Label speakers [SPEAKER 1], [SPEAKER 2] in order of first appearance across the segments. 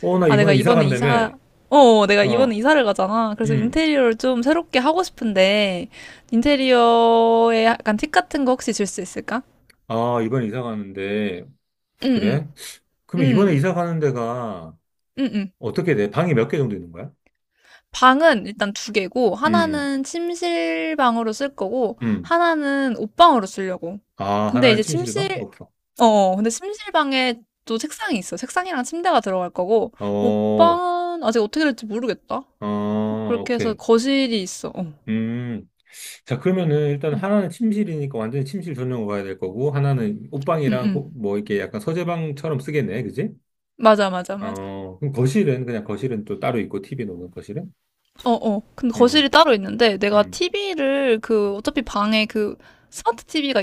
[SPEAKER 1] 어, 나
[SPEAKER 2] 아,
[SPEAKER 1] 이번에 이사 간다며.
[SPEAKER 2] 내가 이번에
[SPEAKER 1] 어,
[SPEAKER 2] 이사를 가잖아. 그래서
[SPEAKER 1] 음.
[SPEAKER 2] 인테리어를 좀 새롭게 하고 싶은데, 인테리어에 약간 팁 같은 거 혹시 줄 수 있을까?
[SPEAKER 1] 아, 이번에 이사 가는데.
[SPEAKER 2] 응, 응,
[SPEAKER 1] 그래? 그럼 이번에
[SPEAKER 2] 응,
[SPEAKER 1] 이사 가는 데가
[SPEAKER 2] 응, 응.
[SPEAKER 1] 어떻게 돼? 방이 몇 개 정도 있는 거야?
[SPEAKER 2] 방은 일단 두 개고,
[SPEAKER 1] 음,
[SPEAKER 2] 하나는 침실방으로 쓸 거고,
[SPEAKER 1] 음.
[SPEAKER 2] 하나는 옷방으로 쓰려고.
[SPEAKER 1] 아,
[SPEAKER 2] 근데
[SPEAKER 1] 하나는
[SPEAKER 2] 이제
[SPEAKER 1] 침실방?
[SPEAKER 2] 침실,
[SPEAKER 1] 없어.
[SPEAKER 2] 어, 어, 근데 침실방에 또 책상이 있어. 책상이랑 침대가 들어갈 거고,
[SPEAKER 1] 어,
[SPEAKER 2] 옷방은 아직 어떻게 될지 모르겠다.
[SPEAKER 1] 어,
[SPEAKER 2] 그렇게 해서
[SPEAKER 1] 오케이.
[SPEAKER 2] 거실이 있어. 어.
[SPEAKER 1] 음. 자, 그러면은 일단
[SPEAKER 2] 응,
[SPEAKER 1] 하나는 침실이니까 완전히 침실 전용으로 가야 될 거고, 하나는
[SPEAKER 2] 응,
[SPEAKER 1] 옷방이랑
[SPEAKER 2] 응.
[SPEAKER 1] 뭐 이렇게 약간 서재방처럼 쓰겠네. 그지?
[SPEAKER 2] 맞아, 맞아, 맞아.
[SPEAKER 1] 어, 그럼 거실은 그냥 거실은 또 따로 있고, TV 놓는 거실은?
[SPEAKER 2] 어, 어. 근데
[SPEAKER 1] 음,
[SPEAKER 2] 거실이 따로 있는데 내가
[SPEAKER 1] 음.
[SPEAKER 2] TV를 그 어차피 방에 그 스마트 TV가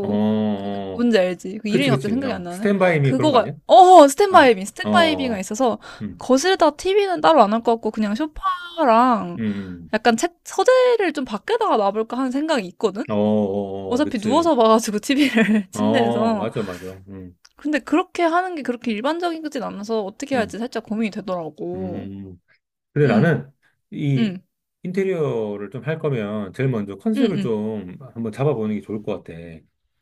[SPEAKER 1] 어,
[SPEAKER 2] 그
[SPEAKER 1] 어.
[SPEAKER 2] 뭔지 알지? 그
[SPEAKER 1] 그치,
[SPEAKER 2] 이름이 갑자기
[SPEAKER 1] 그치.
[SPEAKER 2] 생각이 안
[SPEAKER 1] 어.
[SPEAKER 2] 나네.
[SPEAKER 1] 스탠바이 미 그런 거
[SPEAKER 2] 그거가
[SPEAKER 1] 아니야? 어, 어,
[SPEAKER 2] 스탠바이비가
[SPEAKER 1] 어.
[SPEAKER 2] 있어서
[SPEAKER 1] 음,
[SPEAKER 2] 거실에다 TV는 따로 안 할 것 같고 그냥 소파랑
[SPEAKER 1] 음,
[SPEAKER 2] 약간 책 서재를 좀 밖에다가 놔볼까 하는 생각이 있거든.
[SPEAKER 1] 어, 어, 어, 어.
[SPEAKER 2] 어차피
[SPEAKER 1] 그치.
[SPEAKER 2] 누워서 봐가지고 TV를
[SPEAKER 1] 어,
[SPEAKER 2] 침대에서.
[SPEAKER 1] 맞아, 맞아.
[SPEAKER 2] 근데 그렇게 하는 게 그렇게 일반적이진 않아서 어떻게
[SPEAKER 1] 음,
[SPEAKER 2] 할지 살짝 고민이 되더라고.
[SPEAKER 1] 음. 근데
[SPEAKER 2] 응,
[SPEAKER 1] 나는 이
[SPEAKER 2] 응,
[SPEAKER 1] 인테리어를 좀 할 거면 제일 먼저
[SPEAKER 2] 응,
[SPEAKER 1] 컨셉을
[SPEAKER 2] 응.
[SPEAKER 1] 좀 한번 잡아보는 게 좋을 것 같아.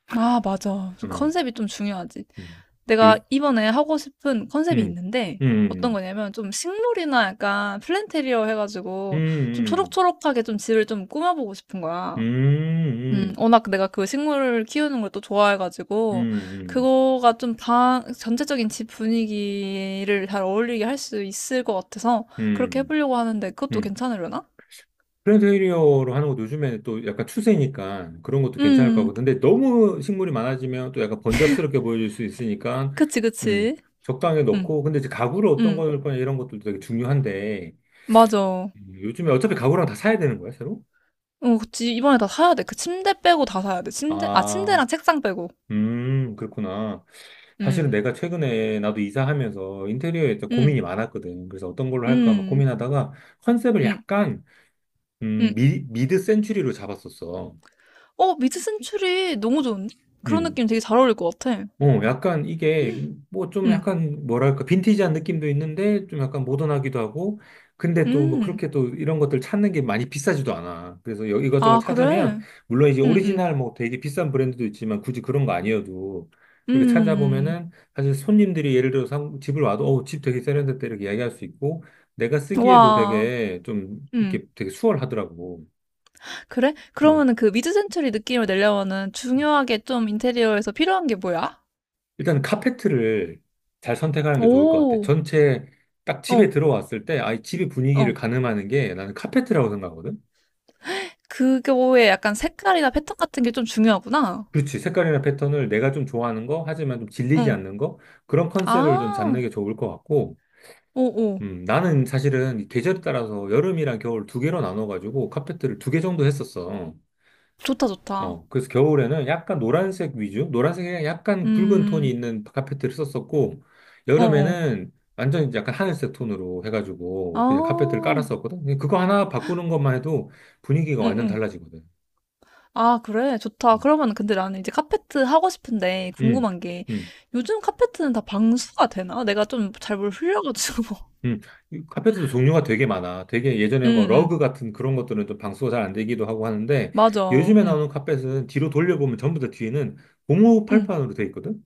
[SPEAKER 2] 아, 맞아. 좀
[SPEAKER 1] 음,
[SPEAKER 2] 컨셉이 좀 중요하지.
[SPEAKER 1] 음, 요,
[SPEAKER 2] 내가 이번에 하고 싶은 컨셉이
[SPEAKER 1] 음,
[SPEAKER 2] 있는데, 어떤
[SPEAKER 1] 음,
[SPEAKER 2] 거냐면, 좀 식물이나 약간 플랜테리어 해가지고, 좀
[SPEAKER 1] 음, 음,
[SPEAKER 2] 초록초록하게 좀 집을 좀 꾸며보고 싶은 거야.
[SPEAKER 1] 음, 음,
[SPEAKER 2] 워낙 내가 그 식물을 키우는 걸 또
[SPEAKER 1] 음,
[SPEAKER 2] 좋아해가지고,
[SPEAKER 1] 음,
[SPEAKER 2] 그거가 좀 전체적인 집 분위기를 잘 어울리게 할 수 있을 것 같아서, 그렇게
[SPEAKER 1] 음,
[SPEAKER 2] 해보려고 하는데,
[SPEAKER 1] 음,
[SPEAKER 2] 그것도
[SPEAKER 1] 음,
[SPEAKER 2] 괜찮으려나?
[SPEAKER 1] 플랜테리어로 하는 것도 요즘에 또 약간 추세니까 그런 것도 괜찮을 것
[SPEAKER 2] 음,
[SPEAKER 1] 같고. 근데 너무 식물이 많아지면 또 약간 번잡스럽게 보여질 수 있으니까,
[SPEAKER 2] 그치,
[SPEAKER 1] 음,
[SPEAKER 2] 그치.
[SPEAKER 1] 적당히
[SPEAKER 2] 음,
[SPEAKER 1] 넣고. 근데 이제 가구를 어떤
[SPEAKER 2] 음,
[SPEAKER 1] 걸 거냐 이런 것도 되게 중요한데,
[SPEAKER 2] 맞아.
[SPEAKER 1] 요즘에 어차피 가구랑 다 사야 되는 거야, 새로?
[SPEAKER 2] 어, 그치. 이번에 다 사야 돼. 그 침대 빼고 다 사야 돼.
[SPEAKER 1] 아,
[SPEAKER 2] 침대랑 책상 빼고.
[SPEAKER 1] 그렇구나. 사실은
[SPEAKER 2] 음,
[SPEAKER 1] 내가 최근에 나도 이사하면서 인테리어에 좀
[SPEAKER 2] 음,
[SPEAKER 1] 고민이 많았거든. 그래서 어떤 걸로 할까 막
[SPEAKER 2] 음,
[SPEAKER 1] 고민하다가 컨셉을
[SPEAKER 2] 음,
[SPEAKER 1] 약간,
[SPEAKER 2] 음.
[SPEAKER 1] 미드 센츄리로 잡았었어.
[SPEAKER 2] 어, 미드 센츄리 너무 좋은데? 그런
[SPEAKER 1] 음,
[SPEAKER 2] 느낌 되게 잘 어울릴 것 같아.
[SPEAKER 1] 어, 약간 이게 뭐 좀
[SPEAKER 2] 음,
[SPEAKER 1] 약간 뭐랄까 빈티지한 느낌도 있는데 좀 약간 모던하기도 하고 근데 또 뭐
[SPEAKER 2] 음.
[SPEAKER 1] 그렇게 또 이런 것들 찾는 게 많이 비싸지도 않아. 그래서 이것저것
[SPEAKER 2] 아,
[SPEAKER 1] 찾으면
[SPEAKER 2] 그래?
[SPEAKER 1] 물론 이제
[SPEAKER 2] 음, 음,
[SPEAKER 1] 오리지널 뭐 되게 비싼 브랜드도 있지만 굳이 그런 거 아니어도 이렇게
[SPEAKER 2] 음.
[SPEAKER 1] 찾아보면은 사실 손님들이 예를 들어서 집을 와도 어, 집 되게 세련됐다 이렇게 이야기할 수 있고 내가 쓰기에도
[SPEAKER 2] 와.
[SPEAKER 1] 되게 좀
[SPEAKER 2] 음.
[SPEAKER 1] 이렇게 되게 수월하더라고.
[SPEAKER 2] 그래?
[SPEAKER 1] 응.
[SPEAKER 2] 그러면은 그 미드 센츄리 느낌을 내려면은 중요하게 좀 인테리어에서 필요한 게 뭐야?
[SPEAKER 1] 일단 카페트를 잘 선택하는 게 좋을 것 같아.
[SPEAKER 2] 오,
[SPEAKER 1] 전체 딱 집에
[SPEAKER 2] 어,
[SPEAKER 1] 들어왔을 때, 아이 집의 분위기를
[SPEAKER 2] 어.
[SPEAKER 1] 가늠하는 게 나는 카페트라고 생각하거든.
[SPEAKER 2] 그거에 약간 색깔이나 패턴 같은 게 좀 중요하구나.
[SPEAKER 1] 그렇지. 색깔이나 패턴을 내가 좀 좋아하는 거, 하지만 좀 질리지
[SPEAKER 2] 응.
[SPEAKER 1] 않는 거, 그런 컨셉을 좀 잡는
[SPEAKER 2] 아,
[SPEAKER 1] 게 좋을 것 같고,
[SPEAKER 2] 오, 오.
[SPEAKER 1] 나는 사실은 이 계절에 따라서 여름이랑 겨울 두 개로 나눠가지고 카페트를 두 개 정도 했었어.
[SPEAKER 2] 좋다, 좋다.
[SPEAKER 1] 어, 그래서 겨울에는 약간 노란색 위주, 노란색에 약간 붉은 톤이
[SPEAKER 2] 음,
[SPEAKER 1] 있는 카페트를 썼었고,
[SPEAKER 2] 어어.
[SPEAKER 1] 여름에는 완전 이제 약간 하늘색 톤으로
[SPEAKER 2] 아,
[SPEAKER 1] 해가지고 그냥 카페트를 깔았었거든. 근데 그거 하나 바꾸는 것만 해도 분위기가 완전
[SPEAKER 2] 응응.
[SPEAKER 1] 달라지거든.
[SPEAKER 2] 아, 그래. 좋다.
[SPEAKER 1] 음,
[SPEAKER 2] 그러면 근데 나는 이제 카페트 하고 싶은데
[SPEAKER 1] 음,
[SPEAKER 2] 궁금한 게
[SPEAKER 1] 음.
[SPEAKER 2] 요즘 카페트는 다 방수가 되나? 내가 좀 잘 뭘 흘려가지고.
[SPEAKER 1] 음. 이 카페트도 종류가 되게 많아. 되게 예전에 뭐
[SPEAKER 2] 응응.
[SPEAKER 1] 러그 같은 그런 것들은 좀 방수가 잘 안 되기도 하고 하는데,
[SPEAKER 2] 맞아.
[SPEAKER 1] 요즘에
[SPEAKER 2] 응.
[SPEAKER 1] 나오는 카펫은 뒤로 돌려보면 전부 다 뒤에는 고무
[SPEAKER 2] 응.
[SPEAKER 1] 팔판으로 돼 있거든.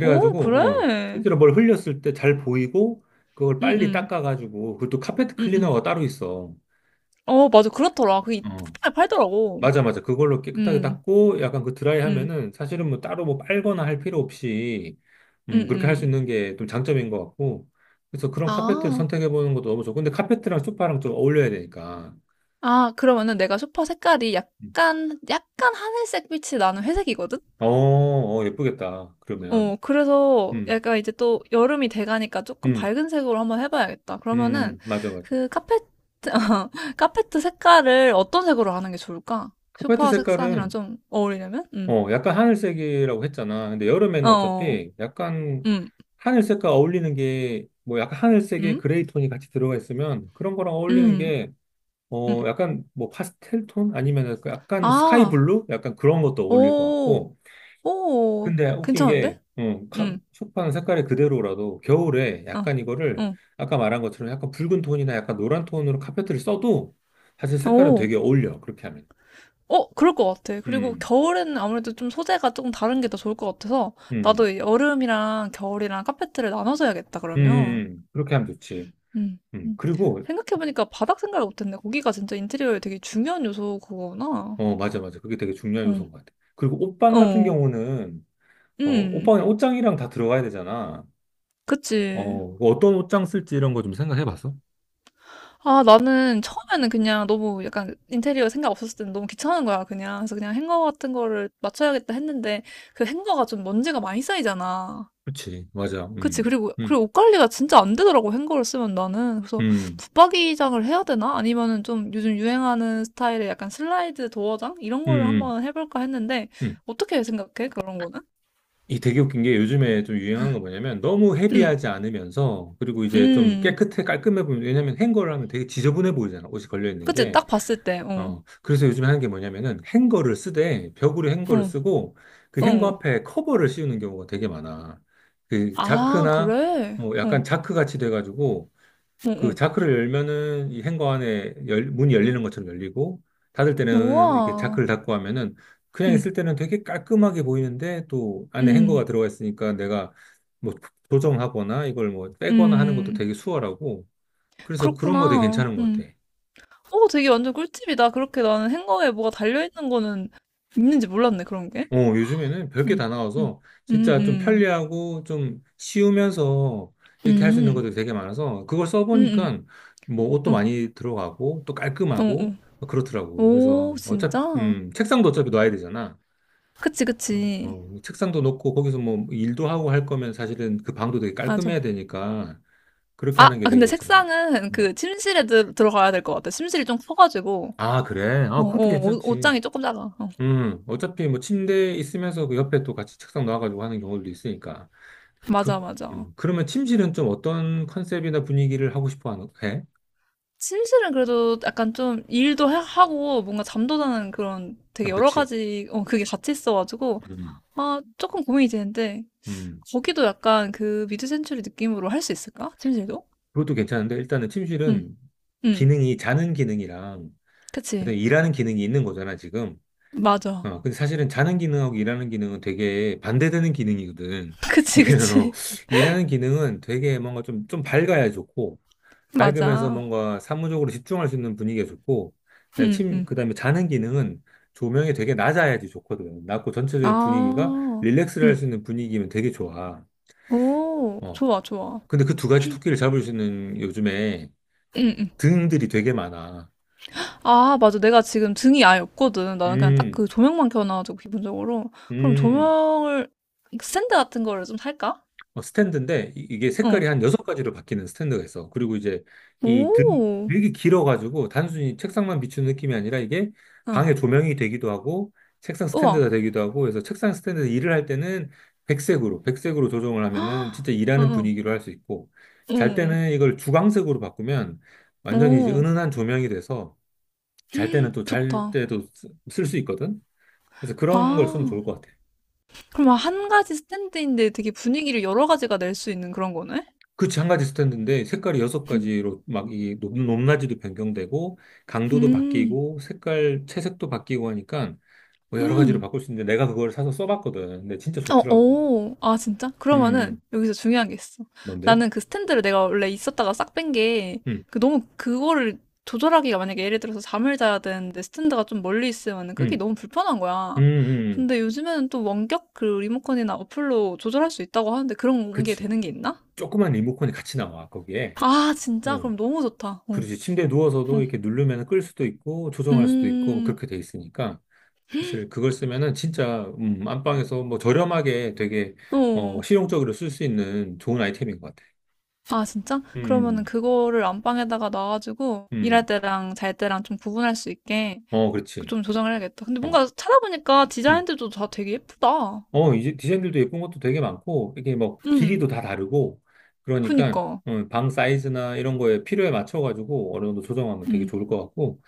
[SPEAKER 2] 오, 그래.
[SPEAKER 1] 어, 실제로 뭘 흘렸을 때 잘 보이고, 그걸 빨리
[SPEAKER 2] 응응.
[SPEAKER 1] 닦아가지고, 그것도 카페트
[SPEAKER 2] 응응.
[SPEAKER 1] 클리너가 따로 있어.
[SPEAKER 2] 어, 맞아. 그렇더라. 그게
[SPEAKER 1] 어,
[SPEAKER 2] 쿠팡에 팔더라고.
[SPEAKER 1] 맞아, 맞아. 그걸로 깨끗하게
[SPEAKER 2] 응.
[SPEAKER 1] 닦고, 약간 그 드라이
[SPEAKER 2] 응.
[SPEAKER 1] 하면은, 사실은 뭐 따로 뭐 빨거나 할 필요 없이, 그렇게 할 수
[SPEAKER 2] 응응.
[SPEAKER 1] 있는 게 좀 장점인 것 같고, 그래서 그런 카페트를
[SPEAKER 2] 아.
[SPEAKER 1] 선택해보는 것도 너무 좋고, 근데 카페트랑 소파랑 좀 어울려야 되니까.
[SPEAKER 2] 아, 그러면은 내가 소파 색깔이
[SPEAKER 1] 음.
[SPEAKER 2] 약간 약간 하늘색 빛이 나는 회색이거든?
[SPEAKER 1] 어, 어, 예쁘겠다. 그러면.
[SPEAKER 2] 어, 그래서
[SPEAKER 1] 음,
[SPEAKER 2] 약간 이제 또 여름이 돼가니까 조금
[SPEAKER 1] 음,
[SPEAKER 2] 밝은 색으로 한번 해봐야겠다. 그러면은
[SPEAKER 1] 맞아, 맞아.
[SPEAKER 2] 그 카페트, 카페트 색깔을 어떤 색으로 하는 게 좋을까?
[SPEAKER 1] 카페트
[SPEAKER 2] 소파 색상이랑
[SPEAKER 1] 색깔은
[SPEAKER 2] 좀 어울리려면? 음.
[SPEAKER 1] 어, 약간 하늘색이라고 했잖아. 근데 여름에는
[SPEAKER 2] 어,
[SPEAKER 1] 어차피 약간
[SPEAKER 2] 음,
[SPEAKER 1] 하늘색과 어울리는 게, 뭐 약간 하늘색에
[SPEAKER 2] 음,
[SPEAKER 1] 그레이 톤이 같이 들어가 있으면 그런 거랑 어울리는
[SPEAKER 2] 음,
[SPEAKER 1] 게,
[SPEAKER 2] 음.
[SPEAKER 1] 어, 약간 뭐 파스텔 톤? 아니면 약간 약간 스카이
[SPEAKER 2] 아,
[SPEAKER 1] 블루? 약간 그런 것도 어울릴 것
[SPEAKER 2] 오,
[SPEAKER 1] 같고.
[SPEAKER 2] 오,
[SPEAKER 1] 근데 웃긴 게,
[SPEAKER 2] 괜찮은데? 음,
[SPEAKER 1] 소파는 색깔이 그대로라도 겨울에
[SPEAKER 2] 어,
[SPEAKER 1] 약간 이거를
[SPEAKER 2] 응,
[SPEAKER 1] 아까 말한 것처럼 약간 붉은 톤이나 약간 노란 톤으로 카페트를 써도 사실 색깔은
[SPEAKER 2] 오.
[SPEAKER 1] 되게 어울려. 그렇게 하면.
[SPEAKER 2] 어, 그럴 것 같아. 그리고
[SPEAKER 1] 음,
[SPEAKER 2] 겨울에는 아무래도 좀 소재가 조금 다른 게 더 좋을 것 같아서
[SPEAKER 1] 음,
[SPEAKER 2] 나도 이 여름이랑 겨울이랑 카페트를 나눠서 해야겠다,
[SPEAKER 1] 음, 음,
[SPEAKER 2] 그러면.
[SPEAKER 1] 그렇게 하면 좋지.
[SPEAKER 2] 음. 음.
[SPEAKER 1] 그리고,
[SPEAKER 2] 생각해 보니까 바닥 생각을 못 했네. 거기가 진짜 인테리어의 되게 중요한 요소구나.
[SPEAKER 1] 어, 맞아, 맞아. 그게 되게 중요한
[SPEAKER 2] 응.
[SPEAKER 1] 요소인 것 같아. 그리고 옷방 같은
[SPEAKER 2] 어.
[SPEAKER 1] 경우는, 어,
[SPEAKER 2] 음.
[SPEAKER 1] 옷방에 옷장이랑 다 들어가야 되잖아.
[SPEAKER 2] 그치.
[SPEAKER 1] 어, 그 어떤 옷장 쓸지 이런 거 좀 생각해 봤어?
[SPEAKER 2] 아, 나는 처음에는 그냥 너무 약간 인테리어 생각 없었을 때는 너무 귀찮은 거야, 그냥. 그래서 그냥 행거 같은 거를 맞춰야겠다 했는데 그 행거가 좀 먼지가 많이 쌓이잖아.
[SPEAKER 1] 그치, 맞아.
[SPEAKER 2] 그치. 그리고,
[SPEAKER 1] 음,
[SPEAKER 2] 그리고 옷 관리가 진짜 안 되더라고, 행거를 쓰면 나는. 그래서,
[SPEAKER 1] 음,
[SPEAKER 2] 붙박이장을 해야 되나? 아니면은 좀 요즘 유행하는 스타일의 약간 슬라이드 도어장? 이런
[SPEAKER 1] 음,
[SPEAKER 2] 거를
[SPEAKER 1] 음.
[SPEAKER 2] 한번 해볼까 했는데,
[SPEAKER 1] 음.
[SPEAKER 2] 어떻게 생각해? 그런 거는?
[SPEAKER 1] 이 되게 웃긴 게 요즘에 좀 유행하는 거 뭐냐면 너무
[SPEAKER 2] 음,
[SPEAKER 1] 헤비하지 않으면서, 그리고 이제 좀
[SPEAKER 2] 음.
[SPEAKER 1] 깨끗해, 깔끔해 보면, 왜냐면 행거를 하면 되게 지저분해 보이잖아. 옷이 걸려 있는
[SPEAKER 2] 그치.
[SPEAKER 1] 게.
[SPEAKER 2] 딱 봤을 때, 어,
[SPEAKER 1] 어, 그래서 요즘에 하는 게 뭐냐면은 행거를 쓰되 벽으로 행거를
[SPEAKER 2] 어,
[SPEAKER 1] 쓰고 그 행거
[SPEAKER 2] 어.
[SPEAKER 1] 앞에 커버를 씌우는 경우가 되게 많아. 그
[SPEAKER 2] 아,
[SPEAKER 1] 자크나
[SPEAKER 2] 그래?
[SPEAKER 1] 뭐
[SPEAKER 2] 어,
[SPEAKER 1] 약간
[SPEAKER 2] 어,
[SPEAKER 1] 자크 같이 돼가지고 그
[SPEAKER 2] 어.
[SPEAKER 1] 자크를 열면은 이 행거 안에 문이 열리는 것처럼 열리고 닫을 때는 이렇게
[SPEAKER 2] 우와.
[SPEAKER 1] 자크를 닫고 하면은 그냥
[SPEAKER 2] 음,
[SPEAKER 1] 있을 때는 되게 깔끔하게 보이는데 또 안에 행거가
[SPEAKER 2] 음,
[SPEAKER 1] 들어가 있으니까 내가 뭐 조정하거나 이걸 뭐 빼거나 하는 것도
[SPEAKER 2] 음.
[SPEAKER 1] 되게 수월하고 그래서 그런 거 되게
[SPEAKER 2] 그렇구나.
[SPEAKER 1] 괜찮은 것
[SPEAKER 2] 음.
[SPEAKER 1] 같아.
[SPEAKER 2] 어, 되게 완전 꿀팁이다. 그렇게 나는 행거에 뭐가 달려있는 거는 있는지 몰랐네, 그런 게.
[SPEAKER 1] 어, 요즘에는 별게
[SPEAKER 2] 음.
[SPEAKER 1] 다
[SPEAKER 2] 음.
[SPEAKER 1] 나와서 진짜 좀
[SPEAKER 2] 음음.
[SPEAKER 1] 편리하고 좀 쉬우면서 이렇게 할 수 있는
[SPEAKER 2] 음.
[SPEAKER 1] 것들이 되게 많아서 그걸
[SPEAKER 2] 음음.
[SPEAKER 1] 써보니까 뭐 옷도
[SPEAKER 2] 어.
[SPEAKER 1] 많이 들어가고 또 깔끔하고
[SPEAKER 2] 어어.
[SPEAKER 1] 뭐 그렇더라고.
[SPEAKER 2] 오
[SPEAKER 1] 그래서 어차피,
[SPEAKER 2] 진짜?
[SPEAKER 1] 책상도 어차피 놔야 되잖아.
[SPEAKER 2] 그치,
[SPEAKER 1] 어,
[SPEAKER 2] 그치.
[SPEAKER 1] 어, 책상도 놓고 거기서 뭐 일도 하고 할 거면 사실은 그 방도 되게 깔끔해야
[SPEAKER 2] 맞아.
[SPEAKER 1] 되니까 그렇게 하는 게 되게
[SPEAKER 2] 근데
[SPEAKER 1] 괜찮은 것 같아.
[SPEAKER 2] 색상은
[SPEAKER 1] 음.
[SPEAKER 2] 그 침실에 들 들어가야 될 것 같아. 침실이 좀 커 가지고.
[SPEAKER 1] 아, 그래? 아, 그것도
[SPEAKER 2] 어어. 옷
[SPEAKER 1] 괜찮지.
[SPEAKER 2] 옷장이 조금 작아. 어.
[SPEAKER 1] 어차피 뭐 침대 있으면서 그 옆에 또 같이 책상 놔가지고 하는 경우도 있으니까.
[SPEAKER 2] 맞아,
[SPEAKER 1] 그,
[SPEAKER 2] 맞아.
[SPEAKER 1] 그러면 팀실은 좀 어떤 컨셉이나 분위기를 해?
[SPEAKER 2] 침실은 그래도 약간 좀 일도 하고 뭔가 잠도 자는 그런
[SPEAKER 1] 어,
[SPEAKER 2] 되게 여러
[SPEAKER 1] 그치.
[SPEAKER 2] 가지 그게 같이 있어 가지고
[SPEAKER 1] 음,
[SPEAKER 2] 아 조금 고민이 되는데
[SPEAKER 1] 음.
[SPEAKER 2] 거기도 약간 그 미드 센추리 느낌으로 할 수 있을까? 침실도?
[SPEAKER 1] 그것도 괜찮은데, 일단은
[SPEAKER 2] 응
[SPEAKER 1] 팀실은
[SPEAKER 2] 응
[SPEAKER 1] 기능이, 자는 기능이랑, 일단
[SPEAKER 2] 그치.
[SPEAKER 1] 일하는 기능이 있는 거잖아, 지금.
[SPEAKER 2] 맞아.
[SPEAKER 1] 어, 근데 사실은 자는 기능하고 일하는 기능은 되게 반대되는 기능이거든.
[SPEAKER 2] 그치,
[SPEAKER 1] 이래요.
[SPEAKER 2] 그치.
[SPEAKER 1] 일하는 기능은 되게 뭔가 좀, 좀 밝아야 좋고, 밝으면서
[SPEAKER 2] 맞아.
[SPEAKER 1] 뭔가 사무적으로 집중할 수 있는 분위기가 좋고, 네,
[SPEAKER 2] 응, 응.
[SPEAKER 1] 그다음에 자는 기능은 조명이 되게 낮아야지 좋거든. 낮고 전체적인 분위기가
[SPEAKER 2] 아,
[SPEAKER 1] 릴렉스를 할
[SPEAKER 2] 응.
[SPEAKER 1] 수 있는 분위기면 되게 좋아.
[SPEAKER 2] 오,
[SPEAKER 1] 어.
[SPEAKER 2] 좋아, 좋아.
[SPEAKER 1] 근데 그 두 가지 토끼를 잡을 수 있는 요즘에
[SPEAKER 2] 응, 응.
[SPEAKER 1] 등들이 되게 많아.
[SPEAKER 2] 아, 맞아. 내가 지금 등이 아예 없거든. 나는 그냥 딱
[SPEAKER 1] 음,
[SPEAKER 2] 그 조명만 켜놔가지고, 기본적으로. 그럼
[SPEAKER 1] 음.
[SPEAKER 2] 조명을, 스탠드 같은 거를 좀 살까?
[SPEAKER 1] 어, 스탠드인데 이게 색깔이
[SPEAKER 2] 응.
[SPEAKER 1] 한 여섯 가지로 바뀌는 스탠드가 있어. 그리고 이제 이 등,
[SPEAKER 2] 오,
[SPEAKER 1] 되게 길어가지고 단순히 책상만 비추는 느낌이 아니라 이게
[SPEAKER 2] 응.
[SPEAKER 1] 방의 조명이 되기도 하고 책상
[SPEAKER 2] 우와.
[SPEAKER 1] 스탠드가 되기도 하고 그래서 책상 스탠드에서 일을 할 때는 백색으로 조정을 하면은 진짜
[SPEAKER 2] 응,
[SPEAKER 1] 일하는
[SPEAKER 2] 응.
[SPEAKER 1] 분위기로 할 수 있고 잘
[SPEAKER 2] 응,
[SPEAKER 1] 때는 이걸 주광색으로 바꾸면
[SPEAKER 2] 응.
[SPEAKER 1] 완전히 이제
[SPEAKER 2] 오,
[SPEAKER 1] 은은한 조명이 돼서 잘 때는 또 잘
[SPEAKER 2] 좋다.
[SPEAKER 1] 때도 쓸 수 있거든. 그래서 그런 걸 쓰면
[SPEAKER 2] 아,
[SPEAKER 1] 좋을 것 같아.
[SPEAKER 2] 그럼 한 가지 스탠드인데 되게 분위기를 여러 가지가 낼 수 있는 그런 거네?
[SPEAKER 1] 그치, 한 가지 스탠드인데 색깔이 여섯
[SPEAKER 2] 응.
[SPEAKER 1] 가지로 막 이 높낮이도 변경되고 강도도
[SPEAKER 2] 음,
[SPEAKER 1] 바뀌고 색깔 채색도 바뀌고 하니까 뭐 여러 가지로
[SPEAKER 2] 음.
[SPEAKER 1] 바꿀 수 있는데 내가 그걸 사서 써봤거든. 근데 진짜
[SPEAKER 2] 어,
[SPEAKER 1] 좋더라고.
[SPEAKER 2] 오. 아, 진짜?
[SPEAKER 1] 음,
[SPEAKER 2] 그러면은
[SPEAKER 1] 음.
[SPEAKER 2] 여기서 중요한 게 있어.
[SPEAKER 1] 뭔데?
[SPEAKER 2] 나는 그 스탠드를 내가 원래 있었다가 싹 뺀 게,
[SPEAKER 1] 음,
[SPEAKER 2] 그 너무 그거를 조절하기가 만약에 예를 들어서 잠을 자야 되는데 스탠드가 좀 멀리 있으면은 기
[SPEAKER 1] 음,
[SPEAKER 2] 너무 불편한
[SPEAKER 1] 음,
[SPEAKER 2] 거야.
[SPEAKER 1] 음. 음.
[SPEAKER 2] 근데 요즘에는 또 원격 그 리모컨이나 어플로 조절할 수 있다고 하는데 그런 게
[SPEAKER 1] 그치.
[SPEAKER 2] 되는 게 있나?
[SPEAKER 1] 조그만 리모컨이 같이 나와 거기에.
[SPEAKER 2] 아, 진짜?
[SPEAKER 1] 음.
[SPEAKER 2] 그럼 너무 좋다. 어,
[SPEAKER 1] 그렇지. 침대에 누워서도
[SPEAKER 2] 어.
[SPEAKER 1] 이렇게 누르면 끌 수도 있고 조정할 수도 있고
[SPEAKER 2] 음,
[SPEAKER 1] 그렇게 돼 있으니까 사실 그걸 쓰면은 진짜 안방에서 뭐 저렴하게 되게 어,
[SPEAKER 2] 어.
[SPEAKER 1] 실용적으로 쓸 수 있는 좋은 아이템인 것 같아.
[SPEAKER 2] 아, 진짜? 그러면은
[SPEAKER 1] 음,
[SPEAKER 2] 그거를 안방에다가 놔가지고 일할
[SPEAKER 1] 음.
[SPEAKER 2] 때랑 잘 때랑 좀 구분할 수 있게
[SPEAKER 1] 어,
[SPEAKER 2] 이거
[SPEAKER 1] 그렇지.
[SPEAKER 2] 좀 조정해야겠다. 근데 뭔가
[SPEAKER 1] 어,
[SPEAKER 2] 찾아보니까
[SPEAKER 1] 음.
[SPEAKER 2] 디자인들도 다 되게 예쁘다.
[SPEAKER 1] 어, 이제 디자인들도 예쁜 것도 되게 많고, 이게 뭐 길이도
[SPEAKER 2] 음,
[SPEAKER 1] 다 다르고, 그러니까
[SPEAKER 2] 그니까.
[SPEAKER 1] 어, 방 사이즈나 이런 거에 필요에 맞춰가지고 어느 정도 조정하면 되게
[SPEAKER 2] 음,
[SPEAKER 1] 좋을 것 같고,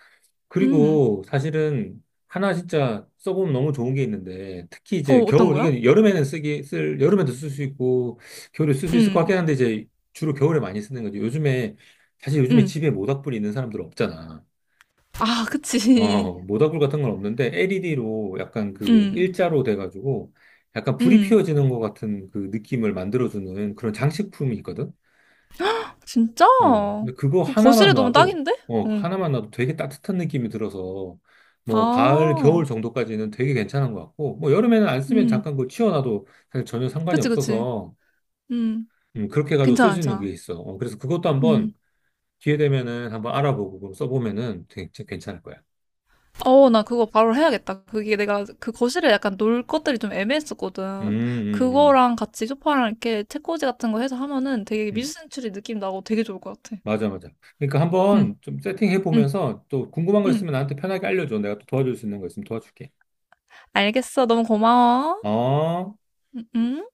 [SPEAKER 2] 음.
[SPEAKER 1] 그리고 사실은 하나 진짜 써보면 너무 좋은 게 있는데, 특히
[SPEAKER 2] 어,
[SPEAKER 1] 이제
[SPEAKER 2] 어떤
[SPEAKER 1] 겨울,
[SPEAKER 2] 거야?
[SPEAKER 1] 이게 여름에는 여름에도 쓸 수 있고, 겨울에 쓸 수 있을 것
[SPEAKER 2] 음,
[SPEAKER 1] 같긴 한데, 이제 주로 겨울에 많이 쓰는 거지. 요즘에, 사실 요즘에
[SPEAKER 2] 음.
[SPEAKER 1] 집에 모닥불이 있는 사람들 없잖아.
[SPEAKER 2] 아, 그치.
[SPEAKER 1] 어, 모닥불 같은 건 없는데 LED로 약간 그
[SPEAKER 2] 음,
[SPEAKER 1] 일자로 돼가지고 약간 불이
[SPEAKER 2] 음.
[SPEAKER 1] 피어지는 것 같은 그 느낌을 만들어주는 그런 장식품이 있거든.
[SPEAKER 2] 진짜?
[SPEAKER 1] 어, 근데 그거
[SPEAKER 2] 그 거실에
[SPEAKER 1] 하나만
[SPEAKER 2] 놓으면
[SPEAKER 1] 놔도
[SPEAKER 2] 딱인데?
[SPEAKER 1] 어, 그
[SPEAKER 2] 응.
[SPEAKER 1] 하나만 놔도 되게 따뜻한 느낌이 들어서 뭐 가을,
[SPEAKER 2] 아,
[SPEAKER 1] 겨울 정도까지는 되게 괜찮은 것 같고 뭐 여름에는 안 쓰면
[SPEAKER 2] 음.
[SPEAKER 1] 잠깐 그거 치워놔도 사실 전혀 상관이
[SPEAKER 2] 그치, 그치.
[SPEAKER 1] 없어서
[SPEAKER 2] 음.
[SPEAKER 1] 그렇게 해가지고 쓸
[SPEAKER 2] 괜찮아,
[SPEAKER 1] 수 있는 게
[SPEAKER 2] 괜찮아.
[SPEAKER 1] 있어. 어, 그래서 그것도 한번
[SPEAKER 2] 음.
[SPEAKER 1] 기회 되면은 한번 알아보고 그거 써보면은 되게 괜찮을 거야.
[SPEAKER 2] 어, 나 그거 바로 해야겠다. 그게 내가 그 거실에 약간 놀 것들이 좀
[SPEAKER 1] 음,
[SPEAKER 2] 애매했었거든.
[SPEAKER 1] 음, 음.
[SPEAKER 2] 그거랑 같이 소파랑 이렇게 책꽂이 같은 거 해서 하면은 되게
[SPEAKER 1] 음.
[SPEAKER 2] 미술센츄리 느낌 나고 되게 좋을 것 같아.
[SPEAKER 1] 맞아, 맞아. 그러니까
[SPEAKER 2] 응,
[SPEAKER 1] 한번 좀 세팅해
[SPEAKER 2] 응,
[SPEAKER 1] 보면서 또 궁금한 거
[SPEAKER 2] 응.
[SPEAKER 1] 있으면 나한테 편하게 알려줘. 내가 또 도와줄 수 있는 거 있으면 도와줄게.
[SPEAKER 2] 알겠어. 너무 고마워.
[SPEAKER 1] 어?
[SPEAKER 2] 응, 응.